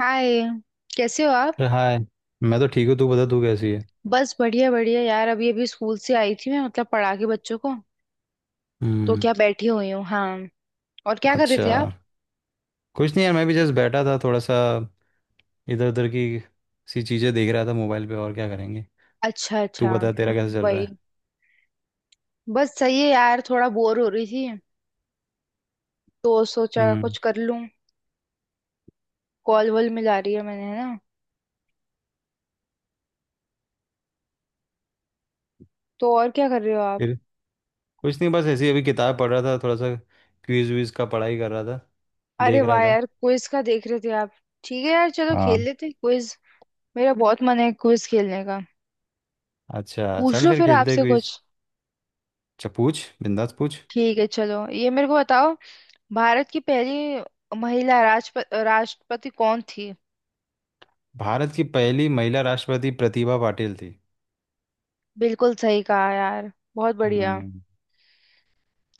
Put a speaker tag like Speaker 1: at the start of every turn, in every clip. Speaker 1: हाय। कैसे हो आप।
Speaker 2: अरे हाय। मैं तो ठीक हूँ। तू बता, तू कैसी है।
Speaker 1: बस बढ़िया बढ़िया यार, अभी अभी स्कूल से आई थी मैं, मतलब पढ़ा के बच्चों को, तो
Speaker 2: हम्म।
Speaker 1: क्या बैठी हुई हूँ हाँ। और क्या कर रहे
Speaker 2: अच्छा।
Speaker 1: थे आप।
Speaker 2: कुछ नहीं यार, मैं भी जस्ट बैठा था थोड़ा सा। इधर उधर की सी चीज़ें देख रहा था मोबाइल पे, और क्या करेंगे।
Speaker 1: अच्छा
Speaker 2: तू
Speaker 1: अच्छा,
Speaker 2: बता, तेरा कैसा चल रहा
Speaker 1: वही।
Speaker 2: है।
Speaker 1: बस सही है यार, थोड़ा बोर हो रही थी तो सोचा
Speaker 2: हम्म।
Speaker 1: कुछ कर लूँ। कॉल वॉल मिला रही है मैंने, है ना। तो और क्या कर रहे हो आप।
Speaker 2: फिर कुछ नहीं, बस ऐसे ही अभी किताब पढ़ रहा था थोड़ा सा। क्विज विज का पढ़ाई कर रहा था।
Speaker 1: अरे
Speaker 2: देख
Speaker 1: वाह
Speaker 2: रहा था।
Speaker 1: यार, क्विज का देख रहे थे आप। ठीक है यार, चलो खेल
Speaker 2: हाँ।
Speaker 1: लेते हैं क्विज। मेरा बहुत मन है क्विज खेलने का।
Speaker 2: अच्छा,
Speaker 1: पूछ
Speaker 2: चल
Speaker 1: लो
Speaker 2: फिर
Speaker 1: फिर
Speaker 2: खेलते हैं
Speaker 1: आपसे
Speaker 2: क्विज।
Speaker 1: कुछ।
Speaker 2: अच्छा, पूछ। बिंदास पूछ।
Speaker 1: ठीक है, चलो ये मेरे को बताओ, भारत की पहली महिला राष्ट्रपति कौन थी।
Speaker 2: भारत की पहली महिला राष्ट्रपति प्रतिभा पाटिल थी।
Speaker 1: बिल्कुल सही कहा यार, बहुत बढ़िया।
Speaker 2: हम्म।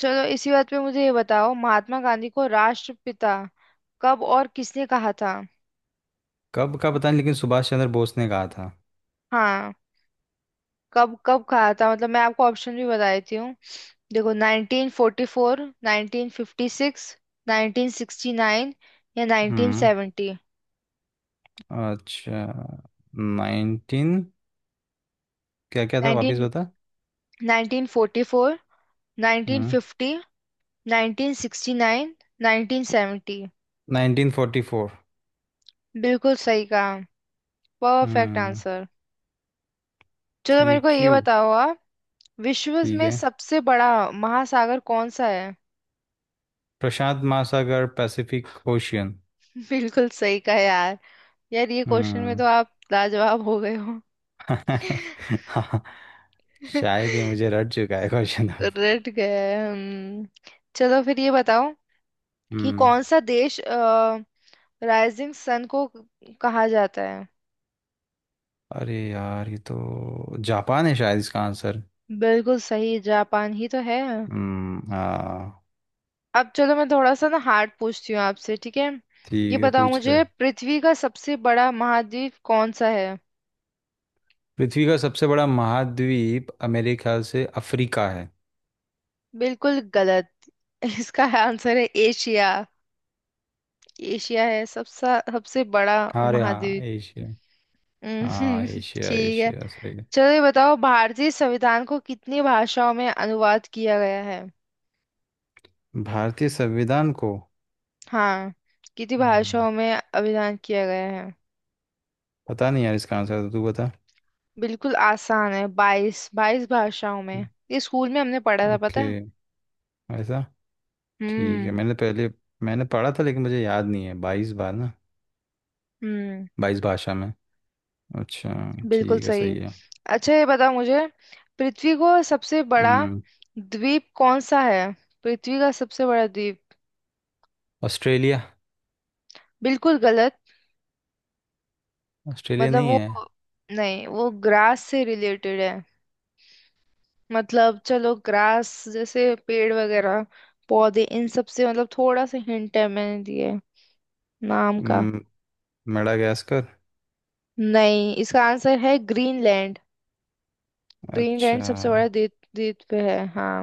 Speaker 1: चलो इसी बात पे मुझे ये बताओ, महात्मा गांधी को राष्ट्रपिता कब और किसने कहा था।
Speaker 2: कब का पता नहीं, लेकिन सुभाष चंद्र बोस ने कहा था।
Speaker 1: हाँ, कब कब कहा था, मतलब मैं आपको ऑप्शन भी बता देती हूँ। देखो, 1944, 1956, 1969 या
Speaker 2: हम्म।
Speaker 1: 1970।
Speaker 2: अच्छा। नाइनटीन क्या क्या था,
Speaker 1: 19,
Speaker 2: वापिस बता।
Speaker 1: 1944,
Speaker 2: हम्म।
Speaker 1: 1950, 1969, 1970।
Speaker 2: Nineteen forty four.
Speaker 1: बिल्कुल सही कहा, परफेक्ट
Speaker 2: हम्म।
Speaker 1: आंसर। चलो मेरे को
Speaker 2: थैंक
Speaker 1: ये
Speaker 2: यू।
Speaker 1: बताओ आप, विश्व
Speaker 2: ठीक
Speaker 1: में
Speaker 2: है।
Speaker 1: सबसे बड़ा महासागर कौन सा है।
Speaker 2: प्रशांत महासागर। Pacific ocean.
Speaker 1: बिल्कुल सही कहा यार। यार ये क्वेश्चन में
Speaker 2: हम्म।
Speaker 1: तो आप लाजवाब हो गए हो।
Speaker 2: हाँ, शायद ये मुझे रट चुका है क्वेश्चन अब।
Speaker 1: रट गए, चलो फिर ये बताओ कि
Speaker 2: हम्म।
Speaker 1: कौन सा देश राइजिंग सन को कहा जाता है।
Speaker 2: अरे यार, ये तो जापान है शायद इसका आंसर।
Speaker 1: बिल्कुल सही, जापान ही तो है।
Speaker 2: हम्म। हाँ।
Speaker 1: अब चलो, मैं थोड़ा सा ना हार्ड पूछती हूँ आपसे, ठीक है। ये
Speaker 2: ठीक है,
Speaker 1: बताओ
Speaker 2: पूछ ले।
Speaker 1: मुझे, पृथ्वी का सबसे बड़ा महाद्वीप कौन सा है।
Speaker 2: पृथ्वी का सबसे बड़ा महाद्वीप अमेरिका से अफ्रीका है।
Speaker 1: बिल्कुल गलत। इसका आंसर है एशिया। एशिया है सबसे सबसे बड़ा
Speaker 2: अरे हाँ,
Speaker 1: महाद्वीप।
Speaker 2: एशिया। हाँ,
Speaker 1: हम्म,
Speaker 2: एशिया,
Speaker 1: ठीक है।
Speaker 2: एशिया सही है।
Speaker 1: चलो ये बताओ, भारतीय संविधान को कितनी भाषाओं में अनुवाद किया गया है।
Speaker 2: भारतीय संविधान को,
Speaker 1: हाँ, कितनी
Speaker 2: हम्म,
Speaker 1: भाषाओं में अनुवाद किया गया है।
Speaker 2: पता नहीं यार, इसका आंसर तो तू बता।
Speaker 1: बिल्कुल आसान है, 22 22 भाषाओं में। ये स्कूल में हमने पढ़ा था, पता
Speaker 2: ओके।
Speaker 1: है।
Speaker 2: ऐसा। ठीक है।
Speaker 1: हम्म।
Speaker 2: मैंने पढ़ा था लेकिन मुझे याद नहीं है। बाईस बार ना,
Speaker 1: हम्म।
Speaker 2: बाईस भाषा में। अच्छा,
Speaker 1: बिल्कुल
Speaker 2: ठीक है,
Speaker 1: सही।
Speaker 2: सही है।
Speaker 1: अच्छा ये बता मुझे, पृथ्वी को सबसे बड़ा
Speaker 2: हम्म।
Speaker 1: द्वीप कौन सा है। पृथ्वी का सबसे बड़ा द्वीप।
Speaker 2: ऑस्ट्रेलिया।
Speaker 1: बिल्कुल गलत।
Speaker 2: ऑस्ट्रेलिया
Speaker 1: मतलब
Speaker 2: नहीं
Speaker 1: वो,
Speaker 2: है।
Speaker 1: नहीं, वो ग्रास से रिलेटेड है। मतलब चलो, ग्रास जैसे पेड़ वगैरह पौधे, इन सब से, मतलब थोड़ा सा हिंट है मैंने दिए, नाम का।
Speaker 2: हम्म। मेडागास्कर।
Speaker 1: नहीं, इसका आंसर है ग्रीनलैंड।
Speaker 2: अच्छा।
Speaker 1: ग्रीनलैंड सबसे बड़ा द्वीप, द्वीप पे है, हाँ।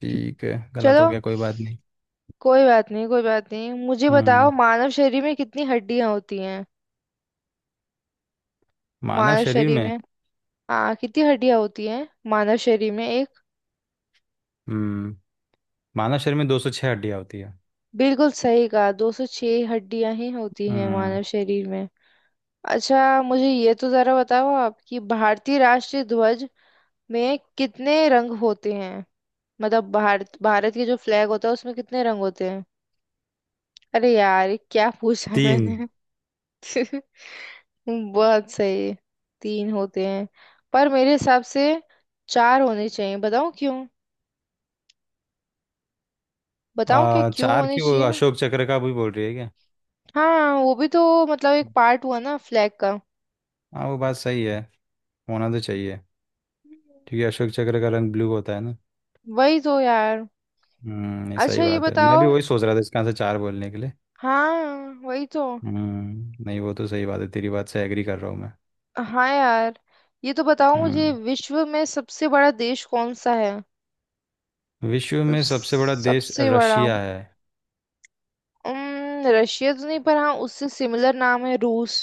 Speaker 2: ठीक है, गलत हो
Speaker 1: चलो,
Speaker 2: गया, कोई बात नहीं।
Speaker 1: कोई बात नहीं कोई बात नहीं, मुझे बताओ,
Speaker 2: हम्म।
Speaker 1: मानव शरीर में कितनी हड्डियां होती हैं।
Speaker 2: मानव
Speaker 1: मानव
Speaker 2: शरीर
Speaker 1: शरीर
Speaker 2: में।
Speaker 1: में, हाँ, कितनी हड्डियां होती हैं मानव शरीर में, एक।
Speaker 2: हम्म मानव शरीर में 206 हड्डियां होती है।
Speaker 1: बिल्कुल सही कहा, 206 हड्डियां ही होती हैं
Speaker 2: हम्म।
Speaker 1: मानव शरीर में। अच्छा, मुझे ये तो जरा बताओ आप कि भारतीय राष्ट्रीय ध्वज में कितने रंग होते हैं। मतलब भारत, भारत के जो फ्लैग होता है उसमें कितने रंग होते हैं। अरे यार, ये क्या पूछा है
Speaker 2: तीन।
Speaker 1: मैंने। बहुत सही। तीन होते हैं। पर मेरे हिसाब से चार होने चाहिए, बताऊं क्यों। बताऊं क्या क्यों
Speaker 2: चार
Speaker 1: होने
Speaker 2: क्यों,
Speaker 1: चाहिए।
Speaker 2: अशोक चक्र का भी बोल रही है क्या।
Speaker 1: हाँ, वो भी तो मतलब एक पार्ट हुआ ना फ्लैग का।
Speaker 2: हाँ, वो बात सही है। होना तो चाहिए, क्योंकि अशोक चक्र का रंग ब्लू होता है ना।
Speaker 1: वही तो यार।
Speaker 2: हम्म। नहीं, सही
Speaker 1: अच्छा ये
Speaker 2: बात है,
Speaker 1: बताओ।
Speaker 2: मैं भी वही सोच रहा था इसका आंसर चार बोलने के लिए।
Speaker 1: हाँ वही तो।
Speaker 2: हम्म। नहीं, वो तो सही बात है। तेरी बात से एग्री कर रहा हूँ मैं।
Speaker 1: हाँ यार। ये तो बताओ मुझे,
Speaker 2: हम्म।
Speaker 1: विश्व में सबसे बड़ा देश कौन सा है।
Speaker 2: विश्व
Speaker 1: मतलब
Speaker 2: में सबसे बड़ा देश
Speaker 1: सबसे बड़ा।
Speaker 2: रशिया है।
Speaker 1: रशिया तो नहीं, पर हाँ, उससे सिमिलर नाम है रूस।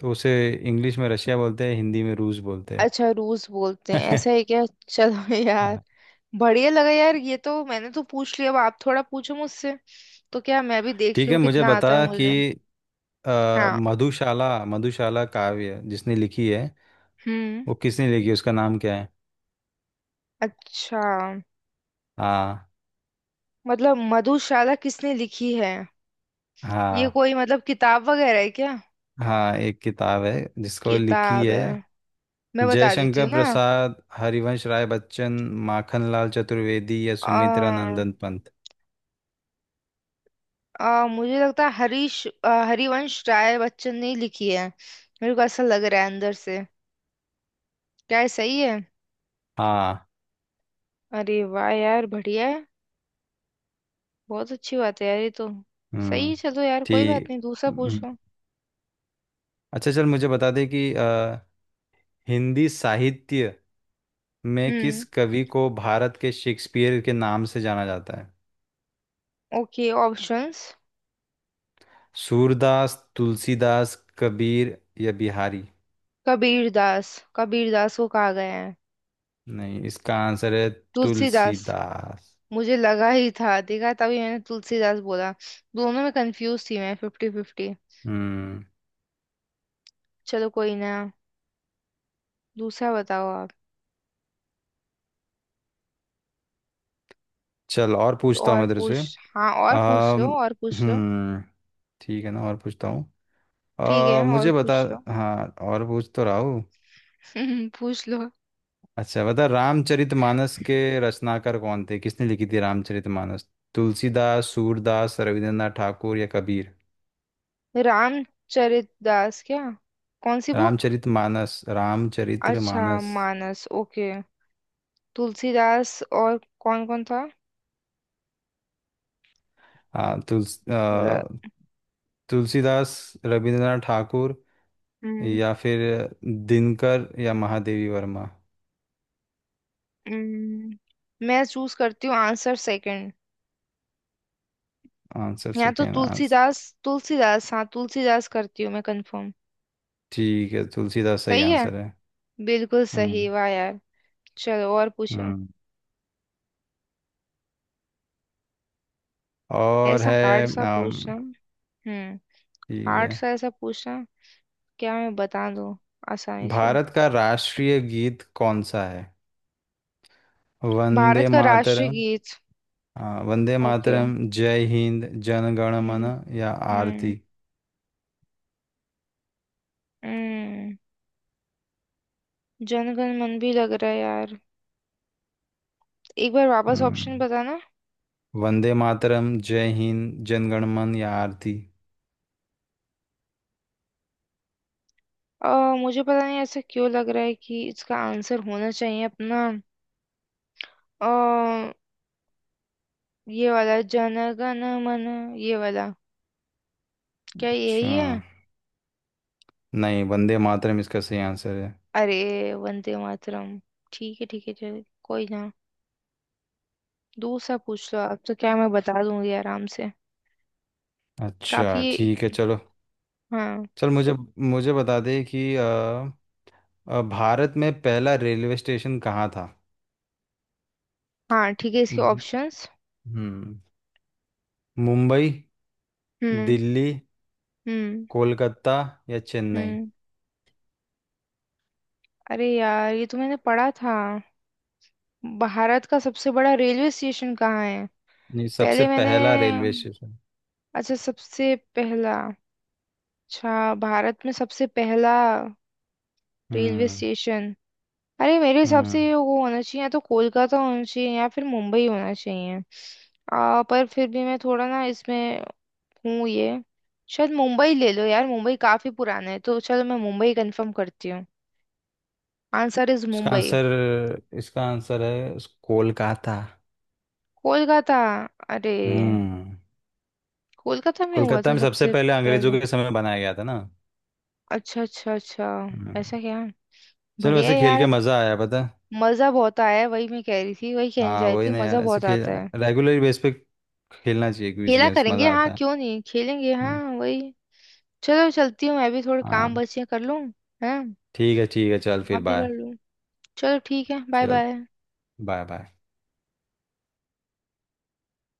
Speaker 2: तो उसे इंग्लिश में रशिया बोलते हैं, हिंदी में रूस बोलते
Speaker 1: अच्छा रूस बोलते हैं,
Speaker 2: हैं।
Speaker 1: ऐसा है क्या। चलो यार।
Speaker 2: हाँ।
Speaker 1: बढ़िया लगा यार, ये तो मैंने तो पूछ लिया, अब आप थोड़ा पूछो मुझसे तो क्या, मैं भी देख
Speaker 2: ठीक है,
Speaker 1: लूँ
Speaker 2: मुझे
Speaker 1: कितना आता है
Speaker 2: बता कि
Speaker 1: मुझे। हाँ।
Speaker 2: मधुशाला। मधुशाला काव्य जिसने लिखी है,
Speaker 1: हम्म।
Speaker 2: वो किसने लिखी है, उसका नाम क्या है।
Speaker 1: अच्छा,
Speaker 2: हाँ।
Speaker 1: मतलब मधुशाला किसने लिखी है, ये
Speaker 2: हाँ।
Speaker 1: कोई मतलब किताब वगैरह है क्या।
Speaker 2: हाँ, एक किताब है। जिसको लिखी
Speaker 1: किताब
Speaker 2: है,
Speaker 1: है। मैं बता देती
Speaker 2: जयशंकर
Speaker 1: हूँ ना।
Speaker 2: प्रसाद, हरिवंश राय बच्चन, माखनलाल चतुर्वेदी या सुमित्रा
Speaker 1: आ,
Speaker 2: नंदन पंत।
Speaker 1: आ, मुझे लगता है हरिवंश राय बच्चन ने ही लिखी है। मेरे को ऐसा लग रहा है अंदर से। क्या ये सही है।
Speaker 2: हाँ।
Speaker 1: अरे वाह यार, बढ़िया है। बहुत अच्छी बात है यार ये तो। सही
Speaker 2: हम्म।
Speaker 1: है। चलो यार, कोई बात
Speaker 2: ठीक।
Speaker 1: नहीं, दूसरा
Speaker 2: हम्म।
Speaker 1: पूछो।
Speaker 2: अच्छा, चल मुझे बता दे कि हिंदी साहित्य में किस
Speaker 1: हम्म।
Speaker 2: कवि को भारत के शेक्सपियर के नाम से जाना जाता है।
Speaker 1: Okay, options.
Speaker 2: सूरदास, तुलसीदास, कबीर या बिहारी।
Speaker 1: कबीर दास। कबीर दास को कहा गया है।
Speaker 2: नहीं, इसका आंसर है
Speaker 1: तुलसीदास।
Speaker 2: तुलसीदास।
Speaker 1: मुझे लगा ही था, देखा तभी मैंने तुलसीदास बोला। दोनों में कंफ्यूज थी मैं, फिफ्टी फिफ्टी।
Speaker 2: हम्म।
Speaker 1: चलो कोई ना। दूसरा बताओ आप।
Speaker 2: चल और
Speaker 1: कुछ
Speaker 2: पूछता हूँ
Speaker 1: और
Speaker 2: मैं तेरे से।
Speaker 1: पूछ, हाँ, और पूछ लो,
Speaker 2: अम,
Speaker 1: और पूछ लो।
Speaker 2: हम्म ठीक है ना, और पूछता हूँ।
Speaker 1: ठीक है, और
Speaker 2: मुझे बता।
Speaker 1: पूछ लो।
Speaker 2: हाँ और पूछ तो रहा हूँ।
Speaker 1: पूछ लो।
Speaker 2: अच्छा बता, रामचरितमानस के रचनाकार कौन थे, किसने लिखी थी रामचरितमानस। तुलसीदास, सूरदास, रविंद्रनाथ ठाकुर या कबीर।
Speaker 1: रामचरित दास क्या, कौन सी बुक।
Speaker 2: रामचरितमानस।
Speaker 1: अच्छा
Speaker 2: रामचरितमानस।
Speaker 1: मानस, ओके। तुलसीदास, और कौन कौन था।
Speaker 2: आ, तुलस अ,
Speaker 1: र,
Speaker 2: तुलसीदास, रविंद्रनाथ ठाकुर,
Speaker 1: हम्म।
Speaker 2: या फिर दिनकर या महादेवी वर्मा।
Speaker 1: हम्म। मैं चूज करती हूँ आंसर सेकंड।
Speaker 2: आंसर
Speaker 1: यहाँ तो
Speaker 2: सेकेंड आंसर।
Speaker 1: तुलसीदास, तुलसीदास, हाँ तुलसीदास करती हूँ मैं कंफर्म।
Speaker 2: ठीक है, तुलसीदास सही
Speaker 1: सही है।
Speaker 2: आंसर है।
Speaker 1: बिल्कुल
Speaker 2: हम्म।
Speaker 1: सही, वाह यार। चलो और पूछो।
Speaker 2: हम्म और
Speaker 1: ऐसा हार्ड
Speaker 2: है।
Speaker 1: सा पूछना। हम्म।
Speaker 2: ठीक
Speaker 1: हार्ड
Speaker 2: है।
Speaker 1: सा ऐसा पूछना। क्या मैं बता दूँ आसानी से।
Speaker 2: भारत का राष्ट्रीय गीत कौन सा है? वंदे
Speaker 1: भारत का राष्ट्रीय
Speaker 2: मातरम।
Speaker 1: गीत।
Speaker 2: हाँ, वंदे
Speaker 1: ओके।
Speaker 2: मातरम, जय हिंद, जन गण मन
Speaker 1: हम्म।
Speaker 2: या
Speaker 1: हम्म।
Speaker 2: आरती।
Speaker 1: हम्म। जन गण मन भी लग रहा है यार। एक बार वापस
Speaker 2: हम्म।
Speaker 1: ऑप्शन बताना।
Speaker 2: वंदे मातरम, जय हिंद, जन गण मन या आरती।
Speaker 1: अ मुझे पता नहीं, ऐसा क्यों लग रहा है कि इसका आंसर होना चाहिए अपना। अ ये वाला जन गण मन। ये वाला। क्या
Speaker 2: अच्छा।
Speaker 1: यही है।
Speaker 2: नहीं, वंदे मातरम इसका सही आंसर है।
Speaker 1: अरे, वंदे मातरम। ठीक है ठीक है, चल कोई ना, दूसरा पूछ लो आप तो क्या, मैं बता दूंगी आराम से।
Speaker 2: अच्छा,
Speaker 1: काफी।
Speaker 2: ठीक है चलो।
Speaker 1: हाँ।
Speaker 2: चल मुझे मुझे बता दे कि भारत में पहला रेलवे स्टेशन कहाँ था।
Speaker 1: हाँ ठीक है, इसके
Speaker 2: मु-
Speaker 1: ऑप्शंस।
Speaker 2: हम्म। मुंबई,
Speaker 1: हम्म।
Speaker 2: दिल्ली,
Speaker 1: हम्म।
Speaker 2: कोलकाता या चेन्नई।
Speaker 1: हम्म। अरे यार, ये तो मैंने पढ़ा था, भारत का सबसे बड़ा रेलवे स्टेशन कहाँ है।
Speaker 2: ये सबसे
Speaker 1: पहले मैंने।
Speaker 2: पहला रेलवे स्टेशन।
Speaker 1: अच्छा सबसे पहला। अच्छा, भारत में सबसे पहला रेलवे
Speaker 2: हम्म।
Speaker 1: स्टेशन। अरे, मेरे हिसाब से
Speaker 2: हम्म।
Speaker 1: ये वो होना चाहिए, या तो कोलकाता होना चाहिए या फिर मुंबई होना चाहिए। पर फिर भी मैं थोड़ा ना इसमें, हूँ, ये, शायद मुंबई ले लो यार, मुंबई काफी पुराना है तो चलो, मैं मुंबई कंफर्म करती हूँ। आंसर इज
Speaker 2: इसका
Speaker 1: मुंबई।
Speaker 2: आंसर इसका आंसर है कोलकाता।
Speaker 1: कोलकाता। अरे,
Speaker 2: हम्म।
Speaker 1: कोलकाता में हुआ
Speaker 2: कोलकाता
Speaker 1: था
Speaker 2: में सबसे
Speaker 1: सबसे
Speaker 2: पहले अंग्रेजों
Speaker 1: पहला।
Speaker 2: के समय बनाया गया था ना।
Speaker 1: अच्छा अच्छा अच्छा।
Speaker 2: हम्म।
Speaker 1: ऐसा क्या।
Speaker 2: चलो
Speaker 1: बढ़िया
Speaker 2: वैसे,
Speaker 1: है
Speaker 2: खेल के
Speaker 1: यार।
Speaker 2: मजा आया पता है?
Speaker 1: मजा बहुत आया है, वही मैं कह रही थी, वही कहने जा
Speaker 2: हाँ
Speaker 1: रही
Speaker 2: वही
Speaker 1: थी,
Speaker 2: ना
Speaker 1: मजा
Speaker 2: यार, ऐसे
Speaker 1: बहुत
Speaker 2: खेल
Speaker 1: आता है।
Speaker 2: रेगुलर बेस पे खेलना चाहिए। क्विज
Speaker 1: खेला
Speaker 2: गेम्स
Speaker 1: करेंगे,
Speaker 2: मजा
Speaker 1: हाँ,
Speaker 2: आता है।
Speaker 1: क्यों नहीं खेलेंगे, हाँ
Speaker 2: हम्म।
Speaker 1: वही। चलो, चलती हूँ, मैं भी थोड़े काम
Speaker 2: हाँ।
Speaker 1: बचे हैं, कर लूँ। है।
Speaker 2: ठीक है, ठीक है, चल फिर
Speaker 1: आप भी कर
Speaker 2: बाय।
Speaker 1: लूँ। चलो ठीक है, बाय
Speaker 2: चल,
Speaker 1: बाय।
Speaker 2: Bye bye.